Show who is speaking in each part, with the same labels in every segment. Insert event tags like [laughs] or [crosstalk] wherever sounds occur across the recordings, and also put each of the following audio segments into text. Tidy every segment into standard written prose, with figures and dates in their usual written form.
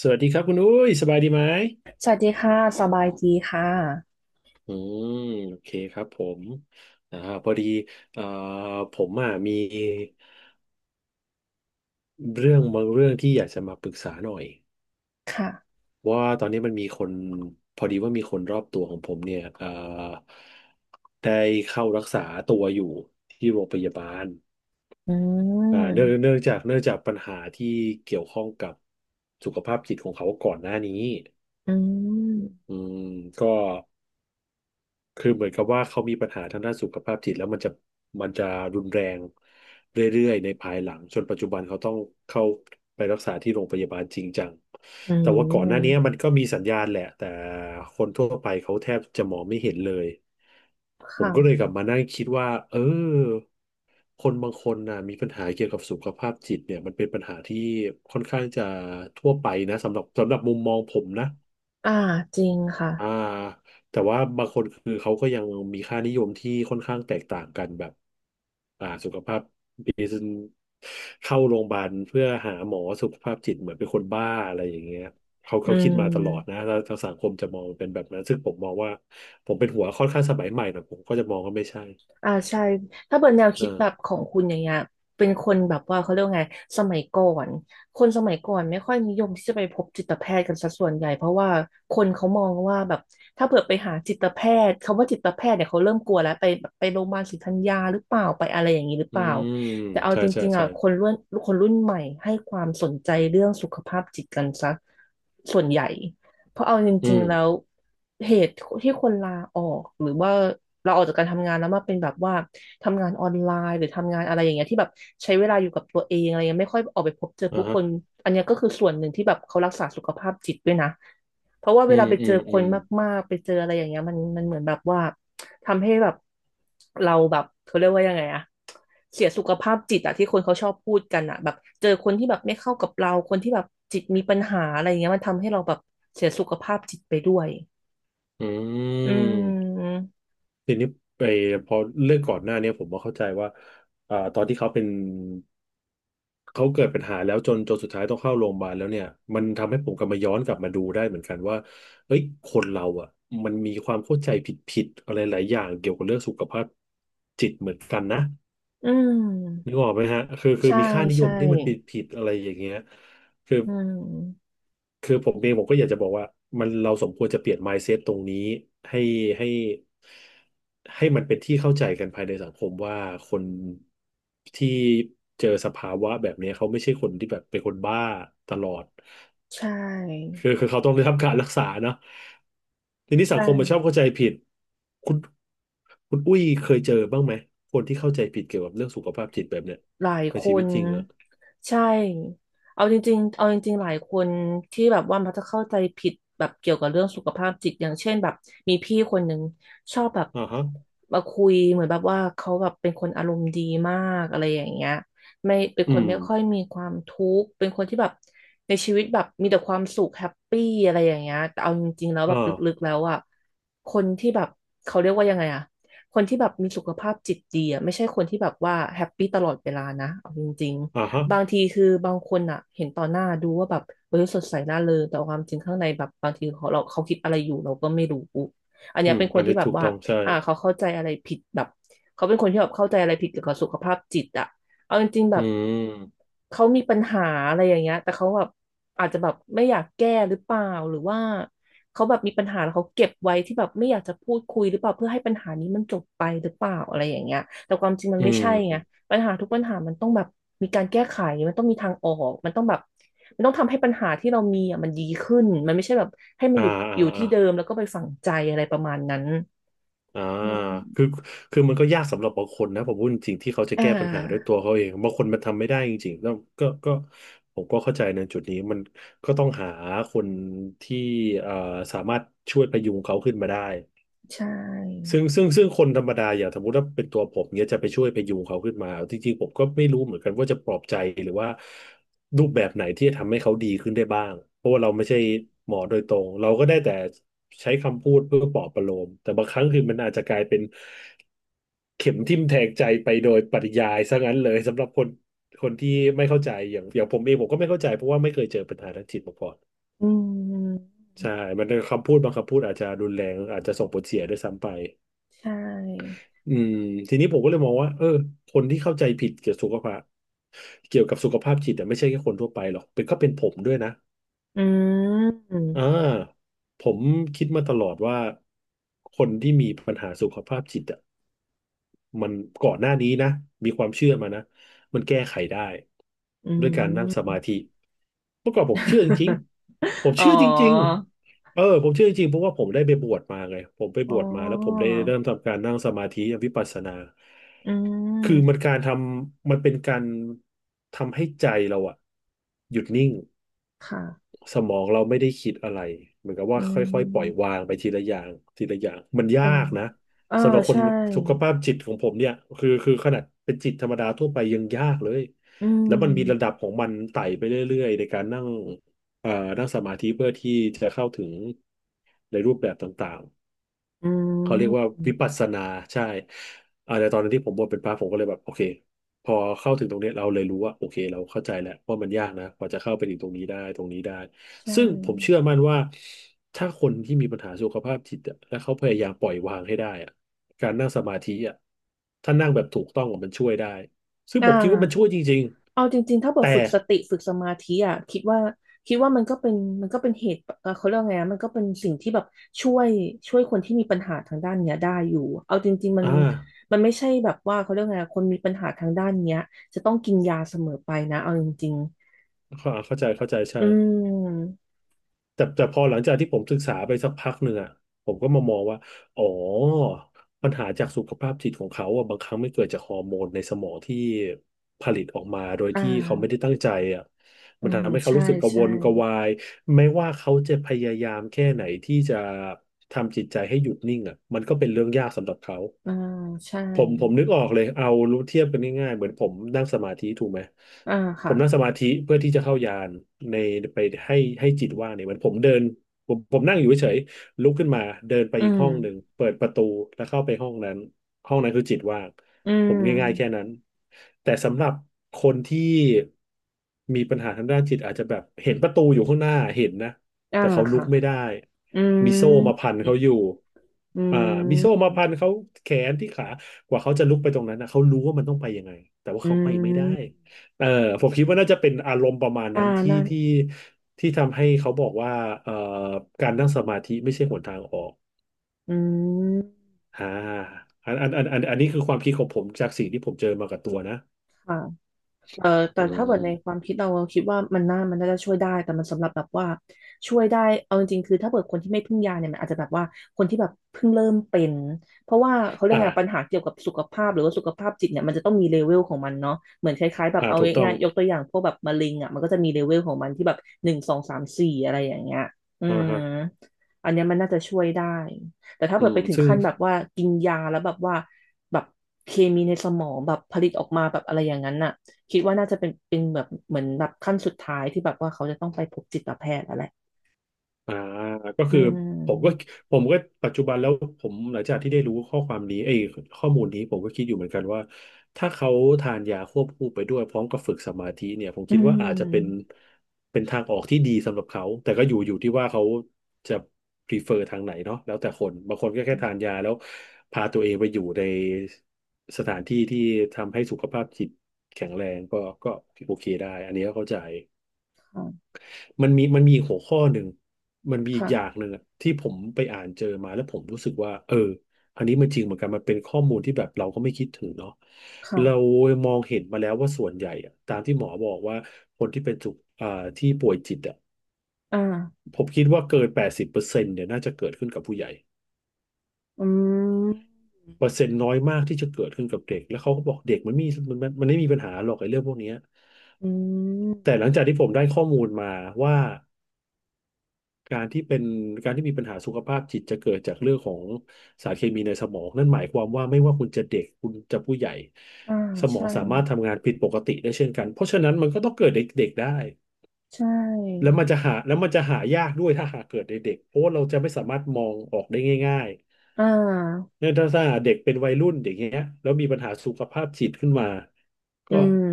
Speaker 1: สวัสดีครับคุณอุ้ยสบายดีไหม
Speaker 2: สวัสดีค่ะสบายดีค่ะ
Speaker 1: อืมโอเคครับผมอ่าพอดีเอ่อผมอ่ะมีเรื่องบางเรื่องที่อยากจะมาปรึกษาหน่อย
Speaker 2: ค่ะ
Speaker 1: ว่าตอนนี้มันมีคนพอดีว่ามีคนรอบตัวของผมเนี่ยได้เข้ารักษาตัวอยู่ที่โรงพยาบาล
Speaker 2: อื
Speaker 1: อ่าเนื่อง
Speaker 2: ม
Speaker 1: เนื่องจากเนื่องจากปัญหาที่เกี่ยวข้องกับสุขภาพจิตของเขาก่อนหน้านี้
Speaker 2: อืม
Speaker 1: อืมก็ คือเหมือนกับว่าเขามีปัญหาทางด้านสุขภาพจิตแล้วมันจะรุนแรงเรื่อยๆในภายหลังจนปัจจุบันเขาต้องเข้าไปรักษาที่โรงพยาบาลจริงจัง
Speaker 2: อื
Speaker 1: แต่ว่าก่อนหน้านี้
Speaker 2: ม
Speaker 1: มันก็มีสัญญาณแหละแต่คนทั่วไปเขาแทบจะมองไม่เห็นเลยผมก็เลย
Speaker 2: ค่ะ
Speaker 1: กลับมานั่งคิดว่าเออคนบางคนนะมีปัญหาเกี่ยวกับสุขภาพจิตเนี่ยมันเป็นปัญหาที่ค่อนข้างจะทั่วไปนะสำหรับมุมมองผมนะ
Speaker 2: อ่าจริงค่ะ
Speaker 1: อ่าแต่ว่าบางคนคือเขาก็ยังมีค่านิยมที่ค่อนข้างแตกต่างกันแบบสุขภาพดีเข้าโรงพยาบาลเพื่อหาหมอสุขภาพจิตเหมือนเป็นคนบ้าอะไรอย่างเงี้ยเขา
Speaker 2: อื
Speaker 1: เขาคิดมาตลอดนะ
Speaker 2: ม
Speaker 1: แล้วทางสังคมจะมองเป็นแบบนั้นซึ่งผมมองว่าผมเป็นหัวค่อนข้างสมัยใหม่หน่อยผมก็จะมองว่าไม่ใช่
Speaker 2: อ่าใช่ถ้าเปิดแนวคิด
Speaker 1: อ่า
Speaker 2: แบบของคุณอย่างเงี้ยเป็นคนแบบว่าเขาเรียกว่าไงสมัยก่อนคนสมัยก่อนไม่ค่อยนิยมที่จะไปพบจิตแพทย์กันสัดส่วนใหญ่เพราะว่าคนเขามองว่าแบบถ้าเผื่อไปหาจิตแพทย์คำว่าจิตแพทย์เนี่ยเขาเริ่มกลัวแล้วไปโรงพยาบาลศรีธัญญาหรือเปล่าไปอะไรอย่างนี้หรือเป
Speaker 1: อื
Speaker 2: ล่า
Speaker 1: ม
Speaker 2: แต่เอา
Speaker 1: ใช่
Speaker 2: จ
Speaker 1: ใช่
Speaker 2: ริงๆอ่ะ
Speaker 1: ใช่
Speaker 2: คนรุ่นใหม่ให้ความสนใจเรื่องสุขภาพจิตกันซะส่วนใหญ่ เพราะเอาจ
Speaker 1: อื
Speaker 2: ริง
Speaker 1: ม
Speaker 2: ๆแล้วเหตุที่คนลาออกหรือว่าเราออกจากการทำงานแล้วมาเป็นแบบว่าทำงานออนไลน์หรือทำงานอะไรอย่างเงี้ยที่แบบใช้เวลาอยู่กับตัวเองอะไรเงี้ยไม่ค่อยออกไปพบเจอ
Speaker 1: อ่า
Speaker 2: ผู้ค
Speaker 1: ฮะ
Speaker 2: นอันเนี้ยก็คือส่วนหนึ่งที่แบบเขารักษาสุขภาพจิตด้วยนะเพราะว่า
Speaker 1: อื
Speaker 2: เวลา
Speaker 1: ม
Speaker 2: ไป
Speaker 1: อื
Speaker 2: เจอ
Speaker 1: ม
Speaker 2: ค
Speaker 1: อื
Speaker 2: น
Speaker 1: ม
Speaker 2: มากๆไปเจออะไรอย่างเงี้ยมันเหมือนแบบว่า ทำให้แบบเราแบบเขาเรียกว่ายังไงอะเสียสุขภาพจิตอะที่คนเขาชอบพูดกันอะแบบเจอคนที่แบบไม่เข้ากับเราคนที่แบบจิตมีปัญหาอะไรอย่างเงี้ยมันทำให้เราแบบเสียสุขภาพจิตไปด้วย
Speaker 1: อื
Speaker 2: อื
Speaker 1: ม
Speaker 2: ม
Speaker 1: ทีนี้ไปพอเรื่องก่อนหน้าเนี้ยผมก็เข้าใจว่าอ่าตอนที่เขาเป็นเขาเกิดปัญหาแล้วจนสุดท้ายต้องเข้าโรงพยาบาลแล้วเนี่ยมันทำให้ผมกลับมาย้อนกลับมาดูได้เหมือนกันว่าเฮ้ยคนเราอ่ะมันมีความเข้าใจผิดๆอะไรหลายอย่างเกี่ยวกับเรื่องสุขภาพจิตเหมือนกันนะ
Speaker 2: อื
Speaker 1: นึ
Speaker 2: ม
Speaker 1: กออกไหมฮะคือ
Speaker 2: ใช่
Speaker 1: มีค่านิย
Speaker 2: ใช่
Speaker 1: มที่มันผิดๆอะไรอย่างเงี้ยคือ
Speaker 2: อืม
Speaker 1: คือผมเองผมก็อยากจะบอกว่ามันเราสมควรจะเปลี่ยน mindset ตรงนี้ให้ให้ให้มันเป็นที่เข้าใจกันภายในสังคมว่าคนที่เจอสภาวะแบบนี้เขาไม่ใช่คนที่แบบเป็นคนบ้าตลอด
Speaker 2: ใช่
Speaker 1: คือเขาต้องได้รับการรักษาเนาะทีนี้สั
Speaker 2: ใช่
Speaker 1: งคมมันชอบเข้าใจผิดคุณคุณอุ้ยเคยเจอบ้างไหมคนที่เข้าใจผิดเกี่ยวกับเรื่องสุขภาพจิตแบบเนี้ย
Speaker 2: หลาย
Speaker 1: ใน
Speaker 2: ค
Speaker 1: ชีวิต
Speaker 2: น
Speaker 1: จริงอะ
Speaker 2: ใช่เอาจริงๆเอาจริงๆหลายคนที่แบบว่ามักจะเข้าใจผิดแบบเกี่ยวกับเรื่องสุขภาพจิตอย่างเช่นแบบมีพี่คนหนึ่งชอบแบบ
Speaker 1: อ่าฮะ
Speaker 2: มาคุยเหมือนแบบว่าเขาแบบเป็นคนอารมณ์ดีมากอะไรอย่างเงี้ยไม่เป็น
Speaker 1: อื
Speaker 2: คน
Speaker 1: ม
Speaker 2: ไม่ค่อยมีความทุกข์เป็นคนที่แบบในชีวิตแบบมีแต่ความสุขแฮปปี้อะไรอย่างเงี้ยแต่เอาจริงๆแล้วแบ
Speaker 1: อ่า
Speaker 2: บลึกๆแล้วอ่ะคนที่แบบเขาเรียกว่ายังไงอะ คนที่แบบมีสุขภาพจิตดีอะไม่ใช่คนที่แบบว่าแฮปปี้ตลอดเวลานะเอาจริง
Speaker 1: อ่าฮะ
Speaker 2: ๆบางทีคือบางคนอะเห็นต่อหน้าดูว่าแบบเออสดใสน่าเริงแต่ความจริงข้างในแบบบางทีเขาเราเขาคิดอะไรอยู่เราก็ไม่รู้อัน
Speaker 1: อื
Speaker 2: เนี้ย
Speaker 1: ม
Speaker 2: เป็นค
Speaker 1: อั
Speaker 2: น
Speaker 1: น
Speaker 2: ที่
Speaker 1: นี้
Speaker 2: แบบ
Speaker 1: ถูก
Speaker 2: ว่า
Speaker 1: ต้องใช่
Speaker 2: อ่าเขาเข้าใจอะไรผิดแบบเขาเป็นคนที่แบบเข้าใจอะไรผิดเกี่ยวกับสุขภาพจิตอะ เอาจริงๆแบ
Speaker 1: อื
Speaker 2: บ
Speaker 1: ม
Speaker 2: เขามีปัญหาอะไรอย่างเงี้ยแต่เขาแบบอาจจะแบบไม่อยากแก้หรือเปล่าหรือว่าเขาแบบมีปัญหาแล้วเขาเก็บไว้ที่แบบไม่อยากจะพูดคุยหรือเปล่าเพื่อให้ปัญหานี้มันจบไปหรือเปล่าอะไรอย่างเงี้ยแต่ความจริงมัน
Speaker 1: อื
Speaker 2: ไม่ใช่ไง
Speaker 1: ม
Speaker 2: ปัญหาทุกปัญหามันต้องแบบมีการแก้ไขมันต้องมีทางออกมันต้องแบบมันต้องทำให้ปัญหาที่เรามีอ่ะมันดีขึ้นมันไม่ใช่แบบให้มัน
Speaker 1: อ่า
Speaker 2: อยู่
Speaker 1: อ่า
Speaker 2: อยู่
Speaker 1: อ่า
Speaker 2: ที่เดิมแล้วก็ไปฝังใจอะไรประมาณนั้น
Speaker 1: อ่า
Speaker 2: อืม
Speaker 1: คือคือมันก็ยากสำหรับบางคนนะผมพูดจริงๆที่เขาจะ
Speaker 2: อ่
Speaker 1: แก้ปัญหาด้วย
Speaker 2: า
Speaker 1: ตัวเขาเองบางคนมันทำไม่ได้จริงๆแล้วก็ผมก็เข้าใจในจุดนี้มันก็ต้องหาคนที่เอ่อสามารถช่วยพยุงเขาขึ้นมาได้
Speaker 2: ใช่
Speaker 1: ซึ่งคนธรรมดาอย่างสมมติว่าเป็นตัวผมเนี่ยจะไปช่วยพยุงเขาขึ้นมาเอาจริงๆผมก็ไม่รู้เหมือนกันว่าจะปลอบใจหรือว่ารูปแบบไหนที่จะทำให้เขาดีขึ้นได้บ้างเพราะว่าเราไม่ใช่หมอโดยตรงเราก็ได้แต่ใช้คำพูดเพื่อปลอบประโลมแต่บางครั้งคือมันอาจจะกลายเป็นเข็มทิ่มแทงใจไปโดยปริยายซะงั้นเลยสำหรับคนที่ไม่เข้าใจอย่างผมเองผมก็ไม่เข้าใจเพราะว่าไม่เคยเจอปัญหาทางจิตมาก่อน
Speaker 2: อืม
Speaker 1: ใช่มันเป็นคำพูดบางคำพูดอาจจะรุนแรงอาจจะส่งผลเสียด้วยซ้ำไป
Speaker 2: ใช่
Speaker 1: อืมทีนี้ผมก็เลยมองว่าเออคนที่เข้าใจผิดเกี่ยวกับสุขภาพจิตอะไม่ใช่แค่คนทั่วไปหรอกเป็นก็เป็นผมด้วยนะ
Speaker 2: อื
Speaker 1: อ่า
Speaker 2: ม
Speaker 1: ผมคิดมาตลอดว่าคนที่มีปัญหาสุขภาพจิตอะ มันก่อนหน้านี้นะมีความเชื่อมานะมันแก้ไขได้
Speaker 2: อื
Speaker 1: ด้วยการนั่งส
Speaker 2: ม
Speaker 1: มาธิเมื่อก่อนผมเชื่อจริง
Speaker 2: [laughs]
Speaker 1: ๆผม
Speaker 2: อ๋อ
Speaker 1: เชื่อจริงๆเออผมเชื่อจริงๆเพราะว่าผมได้ไปบวชมาไงผมไป
Speaker 2: อ๋
Speaker 1: บ
Speaker 2: อ
Speaker 1: วชมาแล้วผมได้เริ่มทำการนั่งสมาธิวิปัสสนา
Speaker 2: อื
Speaker 1: คือ
Speaker 2: ม
Speaker 1: มันเป็นการทำให้ใจเราอะหยุดนิ่ง
Speaker 2: ค่ะ
Speaker 1: สมองเราไม่ได้คิดอะไรเหมือนกับว่า
Speaker 2: อื
Speaker 1: ค่อยๆปล่อย
Speaker 2: ม
Speaker 1: วางไปทีละอย่างทีละอย่างมันยา
Speaker 2: แต่
Speaker 1: กนะ
Speaker 2: เอ่า
Speaker 1: สำหรับคน
Speaker 2: ใช่
Speaker 1: สุขภาพจิตของผมเนี่ยคือขนาดเป็นจิตธรรมดาทั่วไปยังยากเลย
Speaker 2: อื
Speaker 1: แล้วมันมีระ
Speaker 2: ม
Speaker 1: ดับของมันไต่ไปเรื่อยๆในการนั่งเอ่อนั่งสมาธิเพื่อที่จะเข้าถึงในรูปแบบต่างๆ
Speaker 2: อื
Speaker 1: เขาเรียกว่า
Speaker 2: ม
Speaker 1: วิปัสสนาใช่ในตอนนั้นที่ผมบวชเป็นพระผมก็เลยแบบโอเคพอเข้าถึงตรงเนี้ยเราเลยรู้ว่าโอเคเราเข้าใจแล้วว่ามันยากนะกว่าจะเข้าไปถึงตรงนี้ได้
Speaker 2: ใช่
Speaker 1: ซึ่งผมเชื่อมั่นว่าถ้าคนที่มีปัญหาสุขภาพจิตอะและเขาพยายามปล่อยวางให้ได้อะการนั่งสมาธิอะถ้านั่งแบบถูกต้องอะมันช่วยได้ซึ่ง
Speaker 2: อ่า
Speaker 1: ผมคิดว่ามันช่วยจริง
Speaker 2: เอาจริงๆถ้า
Speaker 1: ๆ
Speaker 2: เกิด
Speaker 1: แต่
Speaker 2: ฝึกสติฝึกสมาธิอ่ะคิดว่ามันก็เป็นเหตุเขาเรียกว่าไงอะมันก็เป็นสิ่งที่แบบช่วยคนที่มีปัญหาทางด้านเนี้ยได้อยู่เอาจริงๆมัน
Speaker 1: อ่า
Speaker 2: มันไม่ใช่แบบว่าเขาเรียกว่าไงอะคนมีปัญหาทางด้านเนี้ยจะต้องกินยาเสมอไปนะเอาจริง
Speaker 1: เข้าใจเข้าใจ
Speaker 2: ๆ
Speaker 1: ใช่
Speaker 2: อืม
Speaker 1: แต่พอหลังจากที่ผมศึกษาไปสักพักหนึ่งอ่ะผมก็มามองว่าอ๋อปัญหาจากสุขภาพจิตของเขาอ่ะบางครั้งไม่เกิดจากฮอร์โมนในสมองที่ผลิตออกมาโดย
Speaker 2: อ่
Speaker 1: ที่เขาไม่ได้
Speaker 2: า
Speaker 1: ตั้งใจอ่ะ
Speaker 2: อื
Speaker 1: มัน
Speaker 2: ม
Speaker 1: ทำให้เขา
Speaker 2: ใช่
Speaker 1: รู้สึกกระว
Speaker 2: ใช่
Speaker 1: นกระวายไม่ว่าเขาจะพยายามแค่ไหนที่จะทำจิตใจให้หยุดนิ่งอ่ะมันก็เป็นเรื่องยากสำหรับเขา
Speaker 2: อ่าใช่
Speaker 1: ผมนึกออกเลยเอารู้เทียบกันง่ายๆเหมือนผมนั่งสมาธิถูกไหม
Speaker 2: อ่า
Speaker 1: ผ
Speaker 2: ค่ะ
Speaker 1: มนั่งสมาธิเพื่อที่จะเข้ายานในไปให้จิตว่างเนี่ยเหมือนผมเดินผมนั่งอยู่เฉยๆลุกขึ้นมาเดินไป
Speaker 2: อื
Speaker 1: อีก
Speaker 2: ม
Speaker 1: ห้องหนึ่งเปิดประตูแล้วเข้าไปห้องนั้นห้องนั้นคือจิตว่าง
Speaker 2: อื
Speaker 1: ผม
Speaker 2: ม
Speaker 1: ง่ายๆแค่นั้นแต่สำหรับคนที่มีปัญหาทางด้านจิตอาจจะแบบเห็นประตูอยู่ข้างหน้าเห็นนะ
Speaker 2: อ่า
Speaker 1: แต่เขาลุ
Speaker 2: ค่ะ
Speaker 1: กไม่ได้
Speaker 2: อื
Speaker 1: มีโซ่มา
Speaker 2: ม
Speaker 1: พันเขาอยู่
Speaker 2: อื
Speaker 1: อ่ามีโซ่มา
Speaker 2: ม
Speaker 1: พันเขาแขนที่ขา กว่าเขาจะลุกไปตรงนั้นนะเขารู้ว่ามันต้องไปยังไงแต่ว่า
Speaker 2: อื
Speaker 1: เขาไปไม่ได้
Speaker 2: ม
Speaker 1: เออผมคิดว่าน่าจะเป็นอารมณ์ประมาณ
Speaker 2: อ่า
Speaker 1: นั้นที่
Speaker 2: น่น
Speaker 1: ที่ที่ทำให้เขาบอกว่าเอ่อการนั่งสมาธิไม่ใช่หนทางออก
Speaker 2: อืม
Speaker 1: อ่าอันนี้คือความคิดของผมจากสิ่งที่ผมเจอมากับตัวนะ
Speaker 2: ค่ะ เอ่อ
Speaker 1: อื
Speaker 2: แต่ถ้าเกิดในความ
Speaker 1: ม
Speaker 2: คิดเราเราคิดว่ามันน่าจะช่วยได้แต่มันสำหรับแบบว่าช่วยได้เอาจริงๆคือถ้าเกิดคนที่ไม่พึ่งยาเนี่ยมันอาจจะแบบว่าคนที่แบบเพิ่งเริ่มเป็นเพราะว่าเขาเรีย
Speaker 1: อ่า
Speaker 2: กไงปัญหาเกี่ยวกับสุขภาพหรือว่าสุขภาพจิตเนี่ยมันจะต้องมีเลเวลของมันเนาะเหมือนคล้ายๆแบบ
Speaker 1: อ่า
Speaker 2: เอา
Speaker 1: ถูกต้อง
Speaker 2: ง่ายๆยกตัวอย่างพวกแบบมะเร็งอ่ะมันก็จะมีเลเวลของมันที่แบบหนึ่งสองสามสี่อะไรอย่างเงี้ยอื
Speaker 1: อ่า
Speaker 2: ม
Speaker 1: ฮะ
Speaker 2: อันเนี้ยมันน่าจะช่วยได้แต่ถ้า
Speaker 1: อื
Speaker 2: เกิด
Speaker 1: ม
Speaker 2: ไปถึง
Speaker 1: ซึ่ง
Speaker 2: ขั้นแบบว่ากินยาแล้วแบบว่าแบบเคมีในสมองแบบผลิตออกมาแบบอะไรอย่างนั้นน่ะ คิดว่าน่าจะเป็นแบบเหมือนแบบขั้นสุดท้ายที่แบบว่าเขาจะต้องไปพบจิตแพทย์แล้วแหละ
Speaker 1: อ่าก็
Speaker 2: อื
Speaker 1: คือผมก็
Speaker 2: ม
Speaker 1: ผมก็ปัจจุบันแล้วผมหลังจากที่ได้รู้ข้อความนี้ไอ้ยข้อมูลนี้ผมก็คิดอยู่เหมือนกันว่าถ้าเขาทานยาควบคู่ไปด้วยพร้อมกับฝึกสมาธิเนี่ยผม
Speaker 2: อื
Speaker 1: คิดว่าอาจจะเป็น
Speaker 2: ม
Speaker 1: เป็นทางออกที่ดีสำหรับเขาแต่ก็อยู่ที่ว่าเขาจะ prefer ทางไหนเนาะแล้วแต่คนบางคนก็แค่ทานยาแล้วพาตัวเองไปอยู่ในสถานที่ที่ทำให้สุขภาพจิตแข็งแรงก็โอเคได้อันนี้ก็เข้าใจ
Speaker 2: ค่ะ
Speaker 1: มันมีอีกหัวข้อหนึ่งมันมีอีกอย่าง
Speaker 2: ค่ะ
Speaker 1: หนึ่งอะที่ผมไปอ่านเจอมาแล้วผมรู้สึกว่าเอออันนี้มันจริงเหมือนกันมันเป็นข้อมูลที่แบบเราก็ไม่คิดถึงเนาะเรา
Speaker 2: ค่ะ
Speaker 1: มองเห็นมาแล้วว่าส่วนใหญ่อะตามที่หมอบอกว่าคนที่เป็นจุกอ่าที่ป่วยจิตอะ
Speaker 2: อ่า
Speaker 1: ผมคิดว่าเกิน80%เนี่ยน่าจะเกิดขึ้นกับผู้ใหญ่
Speaker 2: อืม
Speaker 1: เปอร์เซ็นต์น้อยมากที่จะเกิดขึ้นกับเด็กแล้วเขาก็บอกเด็กมันไม่มีปัญหาหรอกไอ้เรื่องพวกเนี้ย
Speaker 2: อืม
Speaker 1: แต่หลังจากที่ผมได้ข้อมูลมาว่า การที่เป็นการที่มีปัญหาสุขภาพจิตจะเกิดจากเรื่องของสารเคมีในสมองนั่นหมายความว่าไม่ว่าคุณจะเด็กคุณจะผู้ใหญ่
Speaker 2: อ่า
Speaker 1: สมอ
Speaker 2: ใช่
Speaker 1: งสามารถทำงานผิดปกติได้เช่นกันเพราะฉะนั้นมันก็ต้องเกิดเด็กๆได้
Speaker 2: ใช่
Speaker 1: แล้วมันจะหายากด้วยถ้าหากเกิดในเด็กเพราะว่าเราจะไม่สามารถมองออกได้ง่าย
Speaker 2: อ่า
Speaker 1: ๆเนี่ยถ้าเด็กเป็นวัยรุ่นอย่างเงี้ยแล้วมีปัญหาสุขภาพจิตขึ้นมา
Speaker 2: อื
Speaker 1: ก็
Speaker 2: ม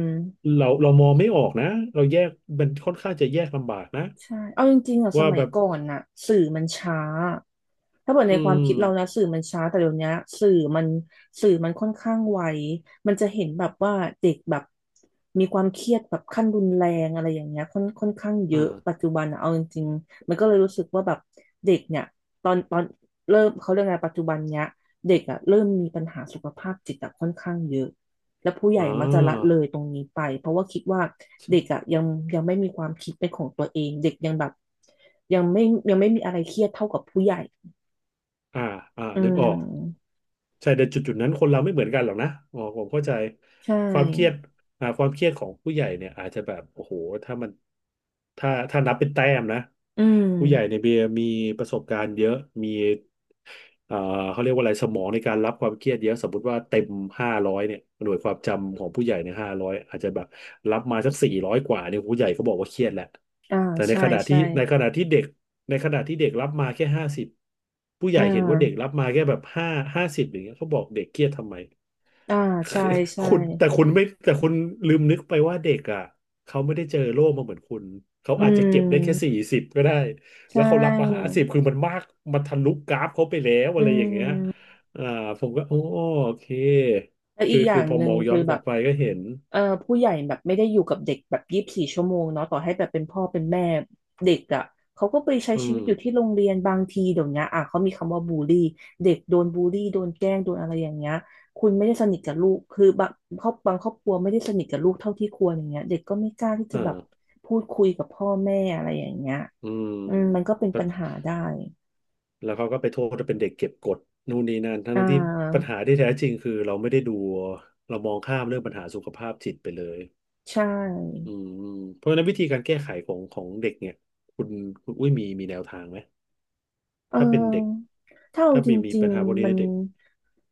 Speaker 1: เรามองไม่ออกนะเราแยกมันค่อนข้างจะแยกลำบากนะ
Speaker 2: ใช่เอาจริงๆอ่ะส
Speaker 1: ว่า
Speaker 2: มัย
Speaker 1: แบบ
Speaker 2: ก่อนน่ะสื่อมันช้าถ้าเกิดใน
Speaker 1: อื
Speaker 2: ความ
Speaker 1: ม
Speaker 2: คิดเรานะสื่อมันช้าแต่เดี๋ยวนี้สื่อมันสื่อมันค่อนข้างไวมันจะเห็นแบบว่าเด็กแบบมีความเครียดแบบขั้นรุนแรงอะไรอย่างเงี้ยค่อนข้างเย
Speaker 1: อ่
Speaker 2: อะ
Speaker 1: า
Speaker 2: ปัจจุบันอะเอาจริงๆมันก็เลยรู้สึกว่าแบบเด็กเนี่ยตอนเริ่มเขาเรียกไงปัจจุบันเนี้ยเด็กอ่ะเริ่มมีปัญหาสุขภาพจิตอะค่อนข้างเยอะ และผู้ให
Speaker 1: อ่
Speaker 2: ญ่มักจะละ
Speaker 1: า
Speaker 2: เลยตรงนี้ไปเพราะว่าคิดว่าเด็ก
Speaker 1: ใช่
Speaker 2: อ่ะยังไม่มีความคิดเป็นของตัวเองเด็กยังแบบยังไม่ยังไม่มีอะไรเครียดเท่ากับผู้ใหญ่
Speaker 1: อ่าอ่า
Speaker 2: อื
Speaker 1: นึกออก
Speaker 2: ม
Speaker 1: ใช่แต่จุดนั้นคนเราไม่เหมือนกันหรอกนะอ๋อผมเข้าใจ
Speaker 2: ใช
Speaker 1: ความเครียด
Speaker 2: ่
Speaker 1: ความเครียดของผู้ใหญ่เนี่ยอาจจะแบบโอ้โหถ้ามันถ้านับเป็นแต้มนะ
Speaker 2: อืม
Speaker 1: ผู้ใหญ่ในเบียร์มีประสบการณ์เยอะมีเอ่อเขาเรียกว่าอะไรสมองในการรับความเครียดเยอะสมมติว่าเต็มห้าร้อยเนี่ยหน่วยความจำของผู้ใหญ่ในห้าร้อยอาจจะแบบรับมาสัก400กว่าเนี่ยผู้ใหญ่เขาบอกว่าเครียดแหละ
Speaker 2: อ่า
Speaker 1: แต่ใน
Speaker 2: ใช่
Speaker 1: ขณะที่
Speaker 2: ใช่
Speaker 1: ในขณะที่เด็กในขณะที่เด็กรับมาแค่ห้าสิบ ผู้ให
Speaker 2: อ่
Speaker 1: ญ่เห็นว่าเด็ก
Speaker 2: า
Speaker 1: รับมาแค่แบบห้าสิบอย่างเงี้ยเขาบอกเด็กเครียดทำไม
Speaker 2: อ่า
Speaker 1: คือ
Speaker 2: ใช่
Speaker 1: [laughs]
Speaker 2: ใช่
Speaker 1: คุณแต่คุณลืมนึกไปว่าเด็กอ่ะเขาไม่ได้เจอโลกมาเหมือนคุณเขา
Speaker 2: อื
Speaker 1: อาจจะเก็บได้แค่สี่
Speaker 2: ม
Speaker 1: สิบก็ได้แล้
Speaker 2: ใช่
Speaker 1: วเขารับมาห้าสิบคือมันมากมันทะลุกราฟเขาไปแล้ว
Speaker 2: อื
Speaker 1: อะไรอย่างเงี้ย
Speaker 2: ม
Speaker 1: อ่าผมก็โอ้โอเค
Speaker 2: แล้วอี
Speaker 1: คื
Speaker 2: ก
Speaker 1: อ
Speaker 2: อย่าง
Speaker 1: พอ
Speaker 2: หนึ่
Speaker 1: ม
Speaker 2: ง
Speaker 1: องย้อ
Speaker 2: คือ
Speaker 1: นก
Speaker 2: แบ
Speaker 1: ลับ
Speaker 2: บ
Speaker 1: ไปก็เห็น
Speaker 2: เอ่อผู้ใหญ่แบบไม่ได้อยู่กับเด็กแบบ24 ชั่วโมงเนาะต่อให้แบบเป็นพ่อเป็นแม่เด็กอ่ะเขาก็ไปใช้
Speaker 1: อื
Speaker 2: ชีวิตอยู่ที่
Speaker 1: ม
Speaker 2: โรงเรียนบางทีเดี๋ยวนี้อ่ะเขามีคำว่าบูลลี่เด็กโดนบูลลี่โดนแกล้งโดนอะไรอย่างเงี้ยคุณไม่ได้สนิทกับลูกคือบางครอบครัวไม่ได้สนิทกับลูกเท่าที่ควรอย่างเงี้ยเด็กก็ไม่กล้าที่
Speaker 1: อ
Speaker 2: จะแบบ
Speaker 1: ่า
Speaker 2: พูดคุยกับพ่อแม่อะไรอย่างเงี้ย
Speaker 1: อืม
Speaker 2: อืมมันก็เป็น
Speaker 1: แล้ว
Speaker 2: ปัญหาได้
Speaker 1: แล้วเขาก็ไปโทษว่าเป็นเด็กเก็บกดนู่นนี่นั่น
Speaker 2: อ่
Speaker 1: ทั้งๆที่ปัญ
Speaker 2: า
Speaker 1: หาที่แท้จริงคือเราไม่ได้ดูเรามองข้ามเรื่องปัญหาสุขภาพจิตไปเลย
Speaker 2: ใช่
Speaker 1: อืมเพราะฉะนั้นวิธีการแก้ไขของเด็กเนี่ยคุณคุณอุ้ยมีแนวทางไหม
Speaker 2: เ
Speaker 1: ถ้าเป็นเด็ก
Speaker 2: ออถ้าเอา
Speaker 1: ถ้า
Speaker 2: จ
Speaker 1: มี
Speaker 2: ริง
Speaker 1: ปัญหาพวก
Speaker 2: ๆ
Speaker 1: นี้
Speaker 2: มั
Speaker 1: ใน
Speaker 2: น
Speaker 1: เด็ก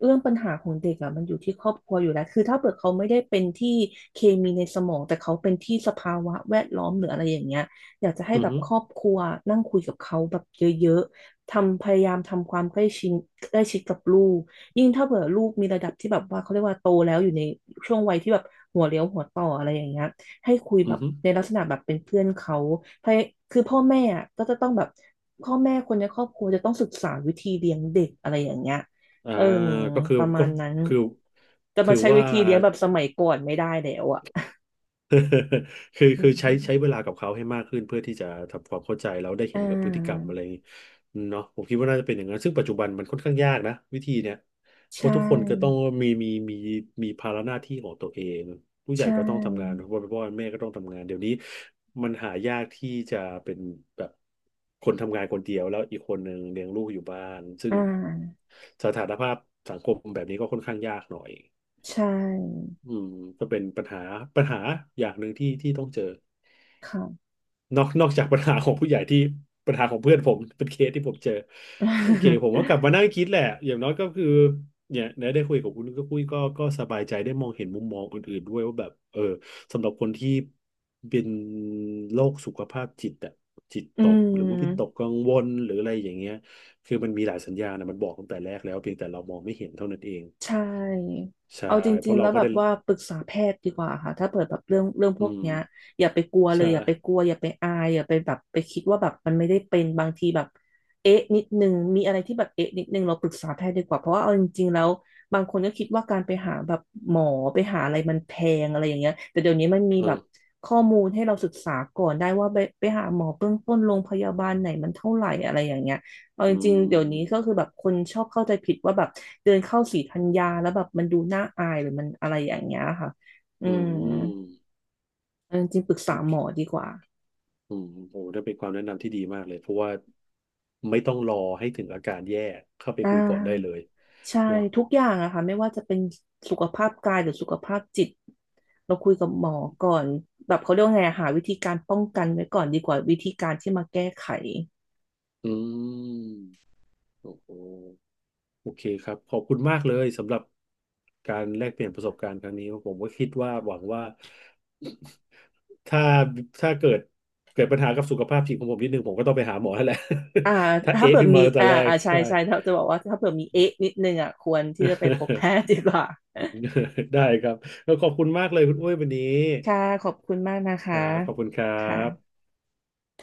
Speaker 2: เรื่องปัญหาของเด็กอ่ะมันอยู่ที่ครอบครัวอยู่แล้วคือถ้าเกิดเขาไม่ได้เป็นที่เคมีในสมองแต่เขาเป็นที่สภาวะแวดล้อมหรืออะไรอย่างเงี้ยอยากจะให้
Speaker 1: อือ
Speaker 2: แบบ
Speaker 1: ฮึ
Speaker 2: ครอบครัวนั่งคุยกับเขาแบบเยอะๆทำพยายามทำความใกล้ชิดใกล้ชิดกับลูกยิ่งถ้าเกิดลูกมีระดับที่แบบว่าเขาเรียกว่าโตแล้วอยู่ในช่วงวัยที่แบบหัวเลี้ยวหัวต่ออะไรอย่างเงี้ย ให้คุยแบ
Speaker 1: อือ
Speaker 2: บ
Speaker 1: ฮึ
Speaker 2: ในลักษณะแบบเป็นเพื่อนเขาพยคือพ่อแม่อะก็จะต้องแบบพ่อแม่คนในครอบครัวจะต้องศึกษาวิธีเลี้ยงเด็กอะไรอย่างเงี้ย
Speaker 1: อ่า
Speaker 2: เออ
Speaker 1: ก็คือ
Speaker 2: ประมา
Speaker 1: ก็
Speaker 2: ณนั้น
Speaker 1: คือ
Speaker 2: จะ
Speaker 1: คื
Speaker 2: มา
Speaker 1: อ
Speaker 2: ใช้
Speaker 1: ว่า
Speaker 2: วิธีเลี้ยงแบบสมัยก่อนไม่ได้แล้วอ่ะ
Speaker 1: [laughs] คือ
Speaker 2: อื
Speaker 1: คือใช้เว
Speaker 2: ม
Speaker 1: ลากับเขาให้มากขึ้นเพื่อที่จะทำความเข้าใจแล้วได้
Speaker 2: อ่
Speaker 1: เห็นกับพฤติกรรม
Speaker 2: า
Speaker 1: อะไรอย่างงี้เนาะผมคิดว่าน่าจะเป็นอย่างนั้นซึ่งปัจจุบันมันค่อนข้างยากนะวิธีเนี้ยเพ
Speaker 2: ใช
Speaker 1: ราะทุกคนก็ต้อง
Speaker 2: ่
Speaker 1: มีมีภาระหน้าที่ของตัวเองผู้ใหญ่
Speaker 2: ใช่
Speaker 1: ก็ต้องทำงานพ่อแม่ก็ต้องทำงานเดี๋ยวนี้มันหายากที่จะเป็นแบบคนทำงานคนเดียวแล้วอีกคนหนึ่งเลี้ยงลูกอยู่บ้านซึ่
Speaker 2: อ่
Speaker 1: ง
Speaker 2: า
Speaker 1: สถานภาพสังคมแบบนี้ก็ค่อนข้างยากหน่อย
Speaker 2: ใช่
Speaker 1: อืมก็เป็นปัญหาปัญหาอย่างหนึ่งที่ที่ต้องเจอ
Speaker 2: ค่ะ
Speaker 1: นอกจากปัญหาของผู้ใหญ่ที่ปัญหาของเพื่อนผมเป็นเคสที่ผมเจอโอเคผมก็กลับมานั่งคิดแหละอย่างน้อยก็คือเนี่ยได้คุยกับคุณก็คุยก็สบายใจได้มองเห็นมุมมองอื่นๆด้วยว่าแบบเออสำหรับคนที่เป็นโรคสุขภาพจิตอะจิต
Speaker 2: [laughs] อื
Speaker 1: ตกหรือว่า
Speaker 2: ม
Speaker 1: วิตกกังวลหรืออะไรอย่างเงี้ยคือมันมีหลายสัญญาณนะมันบอกตั้งแต่แรกแล้วเพียงแต่เรามองไม่เห็นเท่านั้นเอง
Speaker 2: ใช่
Speaker 1: ใช่
Speaker 2: เอาจ
Speaker 1: เพ
Speaker 2: ริง
Speaker 1: ราะ
Speaker 2: ๆ
Speaker 1: เรา
Speaker 2: แล้ว
Speaker 1: ก็
Speaker 2: แบบ
Speaker 1: ได้
Speaker 2: ว่าปรึกษาแพทย์ดีกว่าค่ะถ้าเปิดแบบเรื่องพ
Speaker 1: อื
Speaker 2: วก
Speaker 1: ม
Speaker 2: เนี้ยอย่าไปกลัวเล
Speaker 1: ใช่
Speaker 2: ยอย่าไปกลัวอย่าไปอายอย่าไปแบบไปคิดว่าแบบมันไม่ได้เป็นบางทีแบบเอ๊ะนิดนึงมีอะไรที่แบบเอ๊ะนิดนึงเราปรึกษาแพทย์ดีกว่าเพราะว่าเอาจริงๆแล้วบางคนก็คิดว่าการไปหาแบบหมอไปหาอะไรมันแพงอะไรอย่างเงี้ยแต่เดี๋ยวนี้มันมี
Speaker 1: เอ
Speaker 2: แบ
Speaker 1: อ
Speaker 2: บข้อมูลให้เราศึกษาก่อนได้ว่าไปหาหมอเบื้องต้นโรงพยาบาลไหนมันเท่าไหร่อะไรอย่างเงี้ย เอาจ
Speaker 1: อื
Speaker 2: ริงๆ เดี๋ยวนี้ก็คื
Speaker 1: ม
Speaker 2: อแบบคนชอบเข้าใจผิดว่าแบบเดินเข้าศรีธัญญาแล้วแบบมันดูน่าอายหรือมันอะไรอย่างเงี้ยค่ะ อื
Speaker 1: อื
Speaker 2: ม
Speaker 1: ม
Speaker 2: เอาจริงๆปรึก
Speaker 1: โอ
Speaker 2: ษาห
Speaker 1: เค
Speaker 2: มอดีกว่า
Speaker 1: อืมโอ้ได้เป็นความแนะนำที่ดีมากเลยเพราะว่าไม่ต้องรอให้ถึงอาการแย่เข้าไป
Speaker 2: อ่
Speaker 1: คุยก่อนได้เล
Speaker 2: า
Speaker 1: ย
Speaker 2: ใช่
Speaker 1: เนาะ
Speaker 2: ทุกอย่างอะค่ะไม่ว่าจะเป็นสุขภาพกายหรือสุขภาพจิตเราคุยกับหมอก่อนแบบเขาเรียกว่าไงอะหาวิธีการป้องกันไว้ก่อนดีกว่าวิธีการที่มาแก้ไข
Speaker 1: อืมโอ้โหโอเคครับขอบคุณมากเลยสำหรับการแลกเปลี่ยนประสบการณ์ครั้งนี้ผมก็คิดว่าหวังว่า [coughs] ถ้าถ้าเกิดเกิดปัญหากับสุขภาพจิตของผมนิดนึงผมก็ต้องไปหาหมอแล้วแหละ
Speaker 2: อ่า
Speaker 1: [laughs] ถ้า
Speaker 2: ถ้า
Speaker 1: เอะ
Speaker 2: เผื่อ
Speaker 1: ขึ้นมา
Speaker 2: มี
Speaker 1: ตั้งแต่
Speaker 2: อ่า
Speaker 1: แรก
Speaker 2: อ่าใช่
Speaker 1: ใช่
Speaker 2: ใช่ถ้าจะบอกว่าถ้าเผื่อมีเอ๊ะนิดนึงอ่ะควรที่จะไปพบแพทย์ดีกว่า
Speaker 1: [laughs] ได้ครับแล้วขอบคุณมากเลยคุณอุ้ยวันนี้
Speaker 2: ค่ะขอบคุณมากนะ
Speaker 1: ค
Speaker 2: คะ
Speaker 1: รับขอบคุณครั
Speaker 2: ค่ะ
Speaker 1: บ